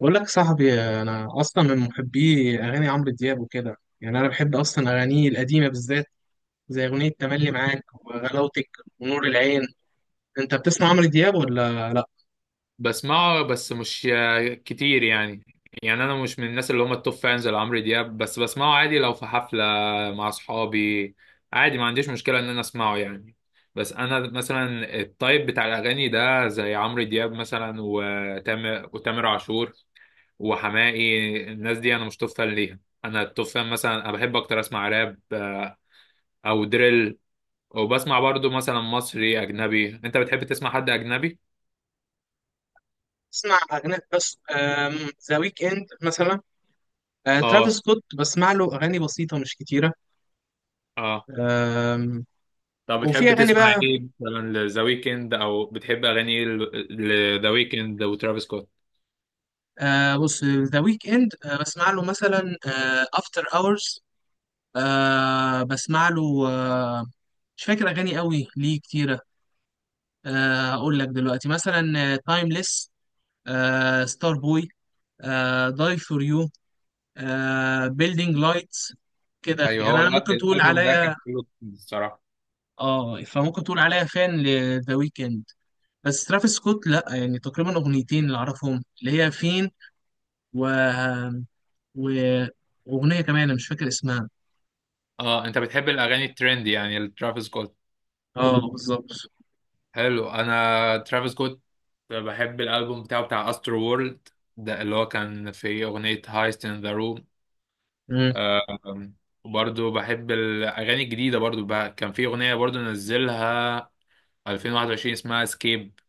بقول لك صاحبي انا اصلا من محبي اغاني عمرو دياب وكده، يعني انا بحب اصلا اغانيه القديمه بالذات، زي اغنيه تملي معاك وغلاوتك ونور العين. انت بتسمع عمرو دياب ولا لا؟ بسمعه بس مش كتير يعني انا مش من الناس اللي هم التوب فانز لعمرو دياب، بس بسمعه عادي لو في حفلة مع اصحابي. عادي ما عنديش مشكلة ان انا اسمعه يعني. بس انا مثلا التايب بتاع الاغاني ده زي عمرو دياب مثلا، وتامر عاشور وحماقي. الناس دي انا مش توب فان ليها. انا التوب فان مثلا، انا بحب اكتر اسمع راب او دريل. وبسمع برضو مثلا مصري اجنبي. انت بتحب تسمع حد اجنبي؟ بسمع اغاني بس، ذا ويك اند مثلا. ترافيس اه. سكوت بسمع له اغاني بسيطه مش كتيره. اه. آم، طب وفي بتحب اغاني تسمع بقى. ايه مثلا لذا ويكند، او بتحب اغاني ايه؟ لذا ويكند وترافيس سكوت. بص، ذا ويك اند بسمع له مثلا افتر اورز، بسمع له. آه، مش فاكر اغاني قوي ليه كتيره. اقول لك دلوقتي مثلا: تايمليس، ستار بوي، داي فور يو، بيلدينج لايتس، كده ايوه، يعني. هو انا ممكن تقول الالبوم ده كان عليا، حلو الصراحه. اه، فممكن تقول عليا فان لذا ويكند. بس ترافيس سكوت لا، يعني تقريبا اغنيتين اللي اعرفهم، اللي هي فين، و و واغنيه كمان انا مش فاكر اسمها. اه انت بتحب الاغاني الترند يعني لترافيس سكوت. اه بالظبط. حلو. انا ترافيس سكوت بحب الالبوم بتاعه بتاع استرو وورلد، ده اللي هو كان في اغنيه هايست ان ذا روم. مم. وبرضه بحب الاغاني الجديده برضه، بقى كان في اغنيه برضه نزلها 2021 اسمها اسكيب.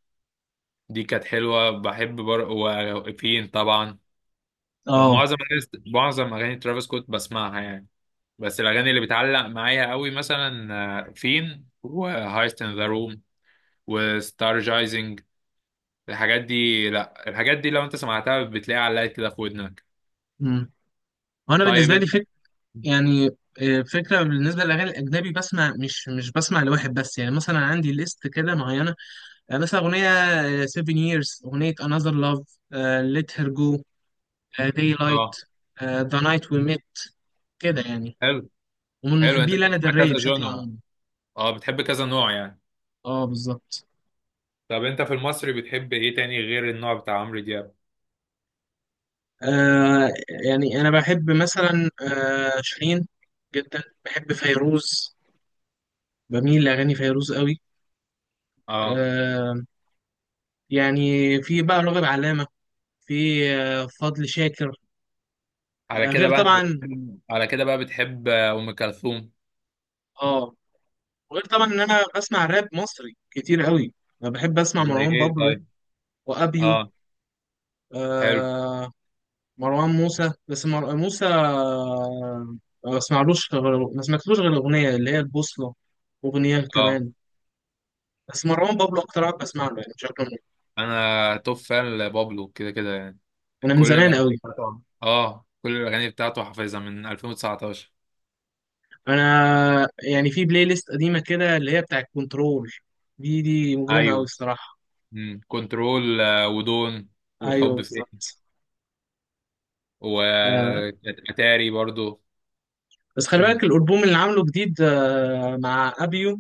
دي كانت حلوة. بحب وفين طبعا. اه. معظم أغاني معظم أغاني ترافيس سكوت بسمعها يعني. بس الأغاني اللي بتعلق معايا قوي مثلا فين وهايست إن ذا روم وستارجايزنج. الحاجات دي، لا الحاجات دي لو أنت سمعتها بتلاقيها علقت كده في ودنك. مم. وانا طيب بالنسبه أنت. لي، يعني، فكرة بالنسبة للأغاني الأجنبي، بسمع مش بسمع لواحد بس، يعني مثلا عندي ليست كده معينة. مثلا أغنية Seven Years، أغنية Another Love، Let Her Go، أه. Daylight، The Night We Met، كده يعني. حلو. ومن حلو، أنت محبي لانا بتسمع del Rey كذا بشكل جونرا، عمومي. أه بتحب كذا نوع يعني. اه بالظبط. طب أنت في المصري بتحب إيه تاني غير النوع بتاع عمرو دياب؟ آه، يعني أنا بحب مثلا آه شيرين جدا، بحب فيروز، بميل لأغاني فيروز قوي. أه. آه، يعني في بقى راغب علامة، في فضل شاكر. آه، غير طبعا. على كده بقى بتحب أم كلثوم. اه، غير طبعا ان انا بسمع راب مصري كتير قوي. انا بحب اسمع زي مروان إيه بابلو طيب؟ وابيو. أه. حلو. آه، مروان موسى، بس موسى ما بسمعلوش غير، ما سمعتلوش غير الاغنيه اللي هي البوصله، اغنيه اه كمان. بس مروان بابلو اكتر واحد بسمع له، يعني بشكل عام. انا توب فان لبابلو كده كده يعني. وانا من زمان قوي. كل الاغاني بتاعته حافظها من 2019. انا يعني في بلاي ليست قديمه كده اللي هي بتاعت كنترول، دي مجرمه قوي ايوه. الصراحه. كنترول ودون ايوه والحب فين بالظبط. آه، واتاري برضو. بس خلي بالك امم. الالبوم اللي عامله جديد مع ابيو،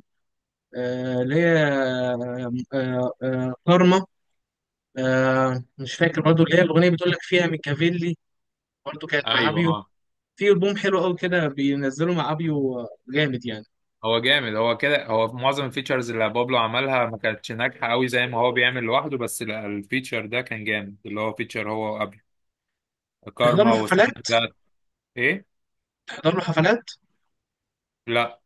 اللي هي كارما. مش فاكر برضو، اللي هيا الاغنيه بتقول لك فيها ميكافيلي، برضو كانت مع ايوه ابيو. اه. في البوم حلو قوي كده بينزله مع ابيو، جامد يعني. هو جامد، هو كده. هو في معظم الفيتشرز اللي بابلو عملها ما كانتش ناجحه قوي زي ما هو بيعمل لوحده، بس لا، الفيتشر ده كان جامد، اللي هو فيتشر هو قبل تحضر كارما له وسناك حفلات، ذات. ايه؟ تحضر له حفلات لا،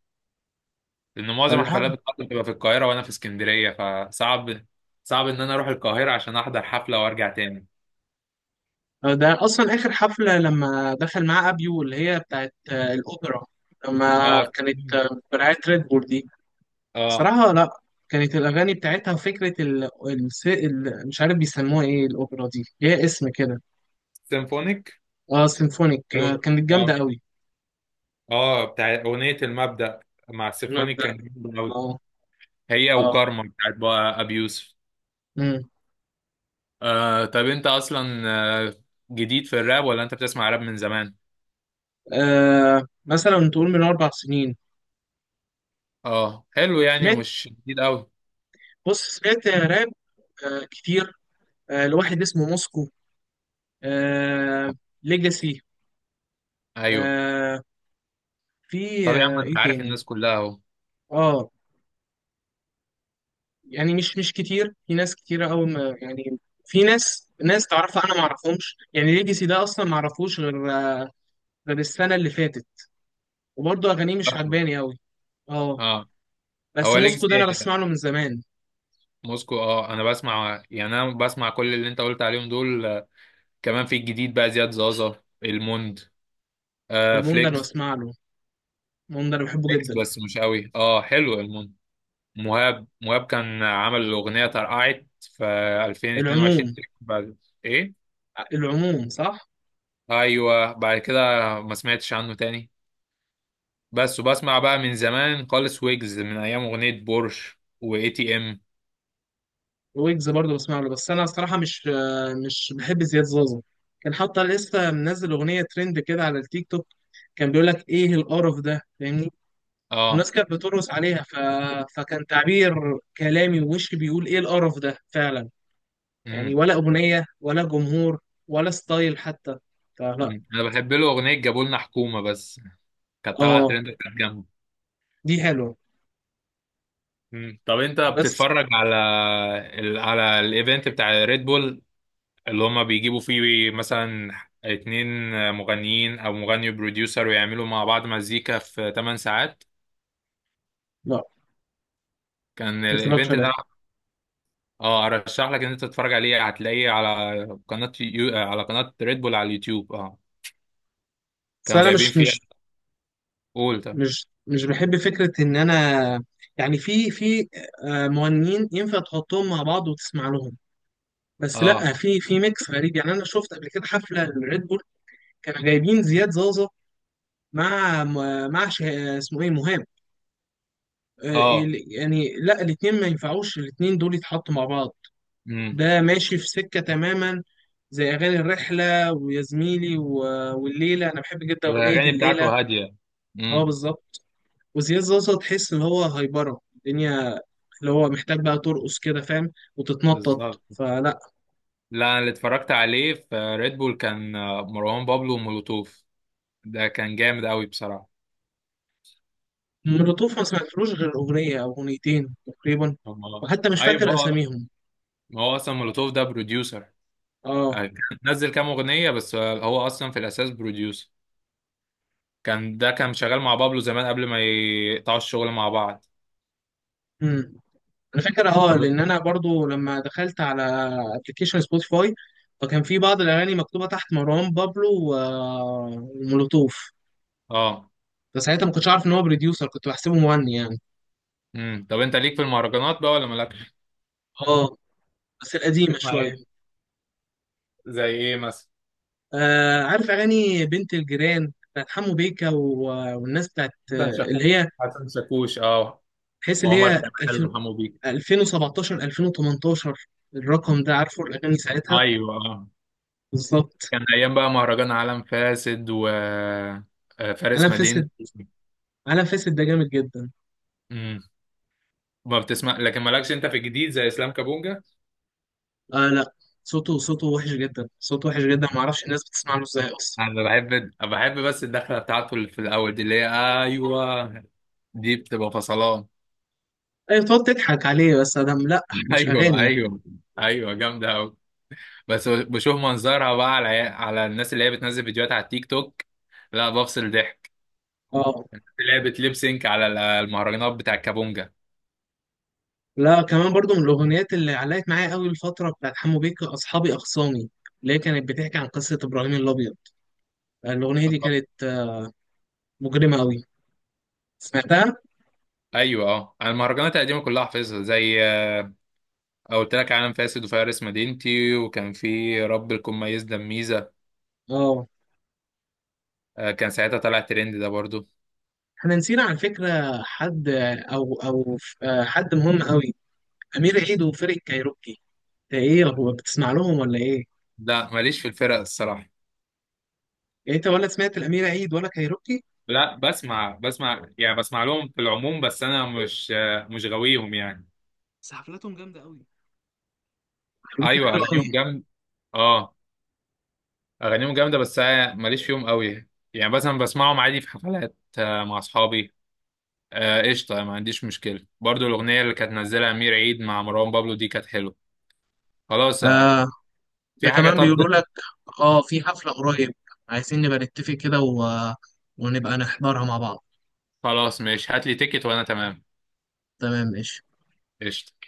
لان معظم ولا حاجة؟ الحفلات بتاعتي بتبقى في القاهره وانا في اسكندريه فصعب. صعب ان انا اروح القاهره عشان احضر حفله وارجع تاني. ده اصلا اخر حفله لما دخل مع ابيو، اللي هي بتاعت الاوبرا، لما اه كانت سيمفونيك. برعايه ريد بول دي. اه صراحة لا. كانت الأغاني بتاعتها وفكرة مش عارف بيسموها إيه، الأوبرا دي ليها اسم كده. سيمفونيك. أه سيمفونيك، حلو. آه كانت اه. جامدة أوي. اه بتاع اغنيه المبدأ مع السيمفونيك المبدأ، كان جامد قوي. أه. هي أه. وكارما بتاعت بقى ابي يوسف. أمم. آه طب انت اصلا، آه، جديد في الراب ولا انت بتسمع راب من زمان؟ آه مثلا تقول من أربع سنين، اه حلو، يعني سمعت. مش جديد قوي. بص سمعت راب آه كتير. آه لواحد اسمه موسكو، آه ليجاسي. ايوه. آه، في طب يا آه عم انت إيه عارف تاني؟ الناس كلها اهو. أه، يعني مش كتير. في ناس كتيرة قوي ما يعني، في ناس تعرفها انا ما اعرفهمش. يعني ليجاسي ده اصلا ما اعرفوش غير، غير السنة اللي فاتت، وبرضه اغانيه مش اصلا. عجباني قوي. اه. اه. بس هو موسكو ده ليجاسي، انا بسمع له من زمان. موسكو اه. انا بسمع، يعني انا بسمع كل اللي انت قلت عليهم دول. كمان في الجديد بقى زياد زازا، الموند، المون ده انا فليكس. بسمع له، المون ده انا بحبه فليكس جدا. بس مش قوي. اه حلو الموند. مهاب كان عمل الاغنيه ترقعت في 2022 العموم، تقريباً بعد. ايه؟ العموم صح. ايوه بعد كده. ما سمعتش عنه تاني. بس وبسمع بقى من زمان خالص ويجز من ايام اغنيه بورش واي تي ام. ويجز برضه بسمع له، بس انا الصراحة مش، مش بحب زياد زازا. كان حتى لسه منزل اغنية ترند كده على التيك توك، كان بيقول لك ايه القرف ده، فاهمني؟ اه. والناس كانت بترقص عليها، فكان تعبير كلامي ووشي بيقول ايه القرف ده فعلا. يعني امم. ولا اغنيه ولا جمهور ولا ستايل حتى، فلا. أمم. انا بحب له اغنيه جابولنا حكومه، بس كانت طالعه اه ترند، كانت جامدة. دي حلوه. مم. طب انت بس بتتفرج على على الايفنت بتاع ريد بول اللي هما بيجيبوا فيه مثلا اتنين مغنيين او مغني وبروديوسر، ويعملوا مع بعض مزيكا في 8 ساعات؟ لا كان ما اتفرجش الايفنت عليها. ده، اه ارشح لك ان انت تتفرج عليه، هتلاقيه على قناة على قناة ريد بول على اليوتيوب اه. بس كانوا انا جايبين مش فيها مش قول ده. مش مش بحب فكره ان انا، يعني في مغنيين ينفع تحطهم مع بعض وتسمع لهم. بس اه. لا، في ميكس غريب. يعني انا شفت قبل كده حفله للريد بول، كانوا جايبين زياد زازا مع، مع اسمه ايه، مهاب. اه. يعني لا، الاتنين ما ينفعوش، الاتنين دول يتحطوا مع بعض. امم. ده ماشي في سكة تماما، زي أغاني الرحلة ويا زميلي والليلة، أنا بحب جدا أغنية الاغاني الليلة. بتاعته هادية. اه امم. بالظبط. وزياد زوزة تحس إن هو هايبرة الدنيا، اللي هو محتاج بقى ترقص كده، فاهم، وتتنطط، بالظبط. فلا. لا انا اللي اتفرجت عليه في ريد بول كان مروان بابلو ومولوتوف، ده كان جامد قوي بصراحه. مولوتوف ما سمعتلوش غير أغنية أو أغنيتين تقريبا، هم. وحتى مش ايوه، ما فاكر هو أساميهم. ما هو اصلا مولوتوف ده بروديوسر. اه. كان نزل كام اغنيه بس هو اصلا في الاساس بروديوسر. ده كان شغال مع بابلو زمان قبل ما يقطعوا الشغل مع بعض. مم. الفكرة، اه، طب. لان انا برضو لما دخلت على ابلكيشن سبوتيفاي، فكان في بعض الاغاني مكتوبة تحت مروان بابلو ومولوتوف، اه. فساعتها ما كنتش عارف ان هو بروديوسر، كنت بحسبه مغني يعني. امم. طب انت ليك في المهرجانات بقى ولا مالكش؟ اه، بس القديمة تسمع شوية. ايه، زي ايه مثلا؟ آه عارف اغاني بنت الجيران بتاعت حمو بيكا والناس بتاعت، حسن شاكوش. اللي هي، حسن شاكوش اه. تحس اللي وعمر هي كمال 2000، وحمو بيك. 2017، 2018، الرقم ده، عارفه الاغاني ساعتها ايوه اه. بالظبط. كان ايام بقى مهرجان عالم فاسد و فارس عالم مدينة. فاسد، عالم فاسد ده جامد جدا. ما بتسمع، لكن مالكش انت في الجديد زي اسلام كابونجا؟ آه لا، صوته، صوته وحش جدا، صوته وحش جدا، ما اعرفش الناس بتسمع له ازاي اصلا. انا بحب بس الدخله بتاعته اللي في الاول دي اللي هي، ايوه دي بتبقى فصلان. ايوه بتقعد تضحك عليه بس، ادم، لا مش ايوه اغاني. ايوه. ايوه جامده قوي. بس بشوف منظرها بقى على الناس اللي هي بتنزل فيديوهات على التيك توك، لا بفصل ضحك. اه. اللي هي بتليب سينك على المهرجانات بتاع الكابونجا. لا كمان برضو من الاغنيات اللي علقت معايا قوي الفتره بتاعت حمو بيكا اصحابي اخصامي، اللي هي كانت بتحكي عن قصه ابراهيم الابيض. الاغنيه دي آه، كانت مجرمه قوي، سمعتها؟ ايوه اه. انا المهرجانات القديمه كلها حافظها زي، قلت لك عالم فاسد وفارس مدينتي، وكان في رب الكون، ميز دميزه، اه. كان ساعتها طلع ترند ده برضو. احنا نسينا على فكره حد، آه، او او آه، حد مهم قوي: امير عيد وفرقه كايروكي. ده ايه، هو بتسمع لهم ولا ايه؟ لا ماليش في الفرق الصراحة. يعني انت ولا سمعت الامير عيد ولا كايروكي؟ لا بسمع يعني، بسمع لهم في العموم بس انا مش غاويهم يعني. بس حفلاتهم جامده قوي، خليته ايوه حلو قوي. اغانيهم جامد. اه. اغانيهم جامدة بس أنا ماليش فيهم قوي. يعني مثلا بسمعهم عادي في حفلات مع اصحابي. قشطة. ما عنديش مشكلة. برضو الاغنية اللي كانت نزلها امير عيد مع مروان بابلو دي كانت حلوة. خلاص. آه ده في حاجة كمان طب. بيقولوا لك اه في حفلة قريب، عايزين نبقى نتفق كده ونبقى نحضرها مع بعض. خلاص ماشي، هات لي تيكت وانا تمام. تمام ماشي. قشطة.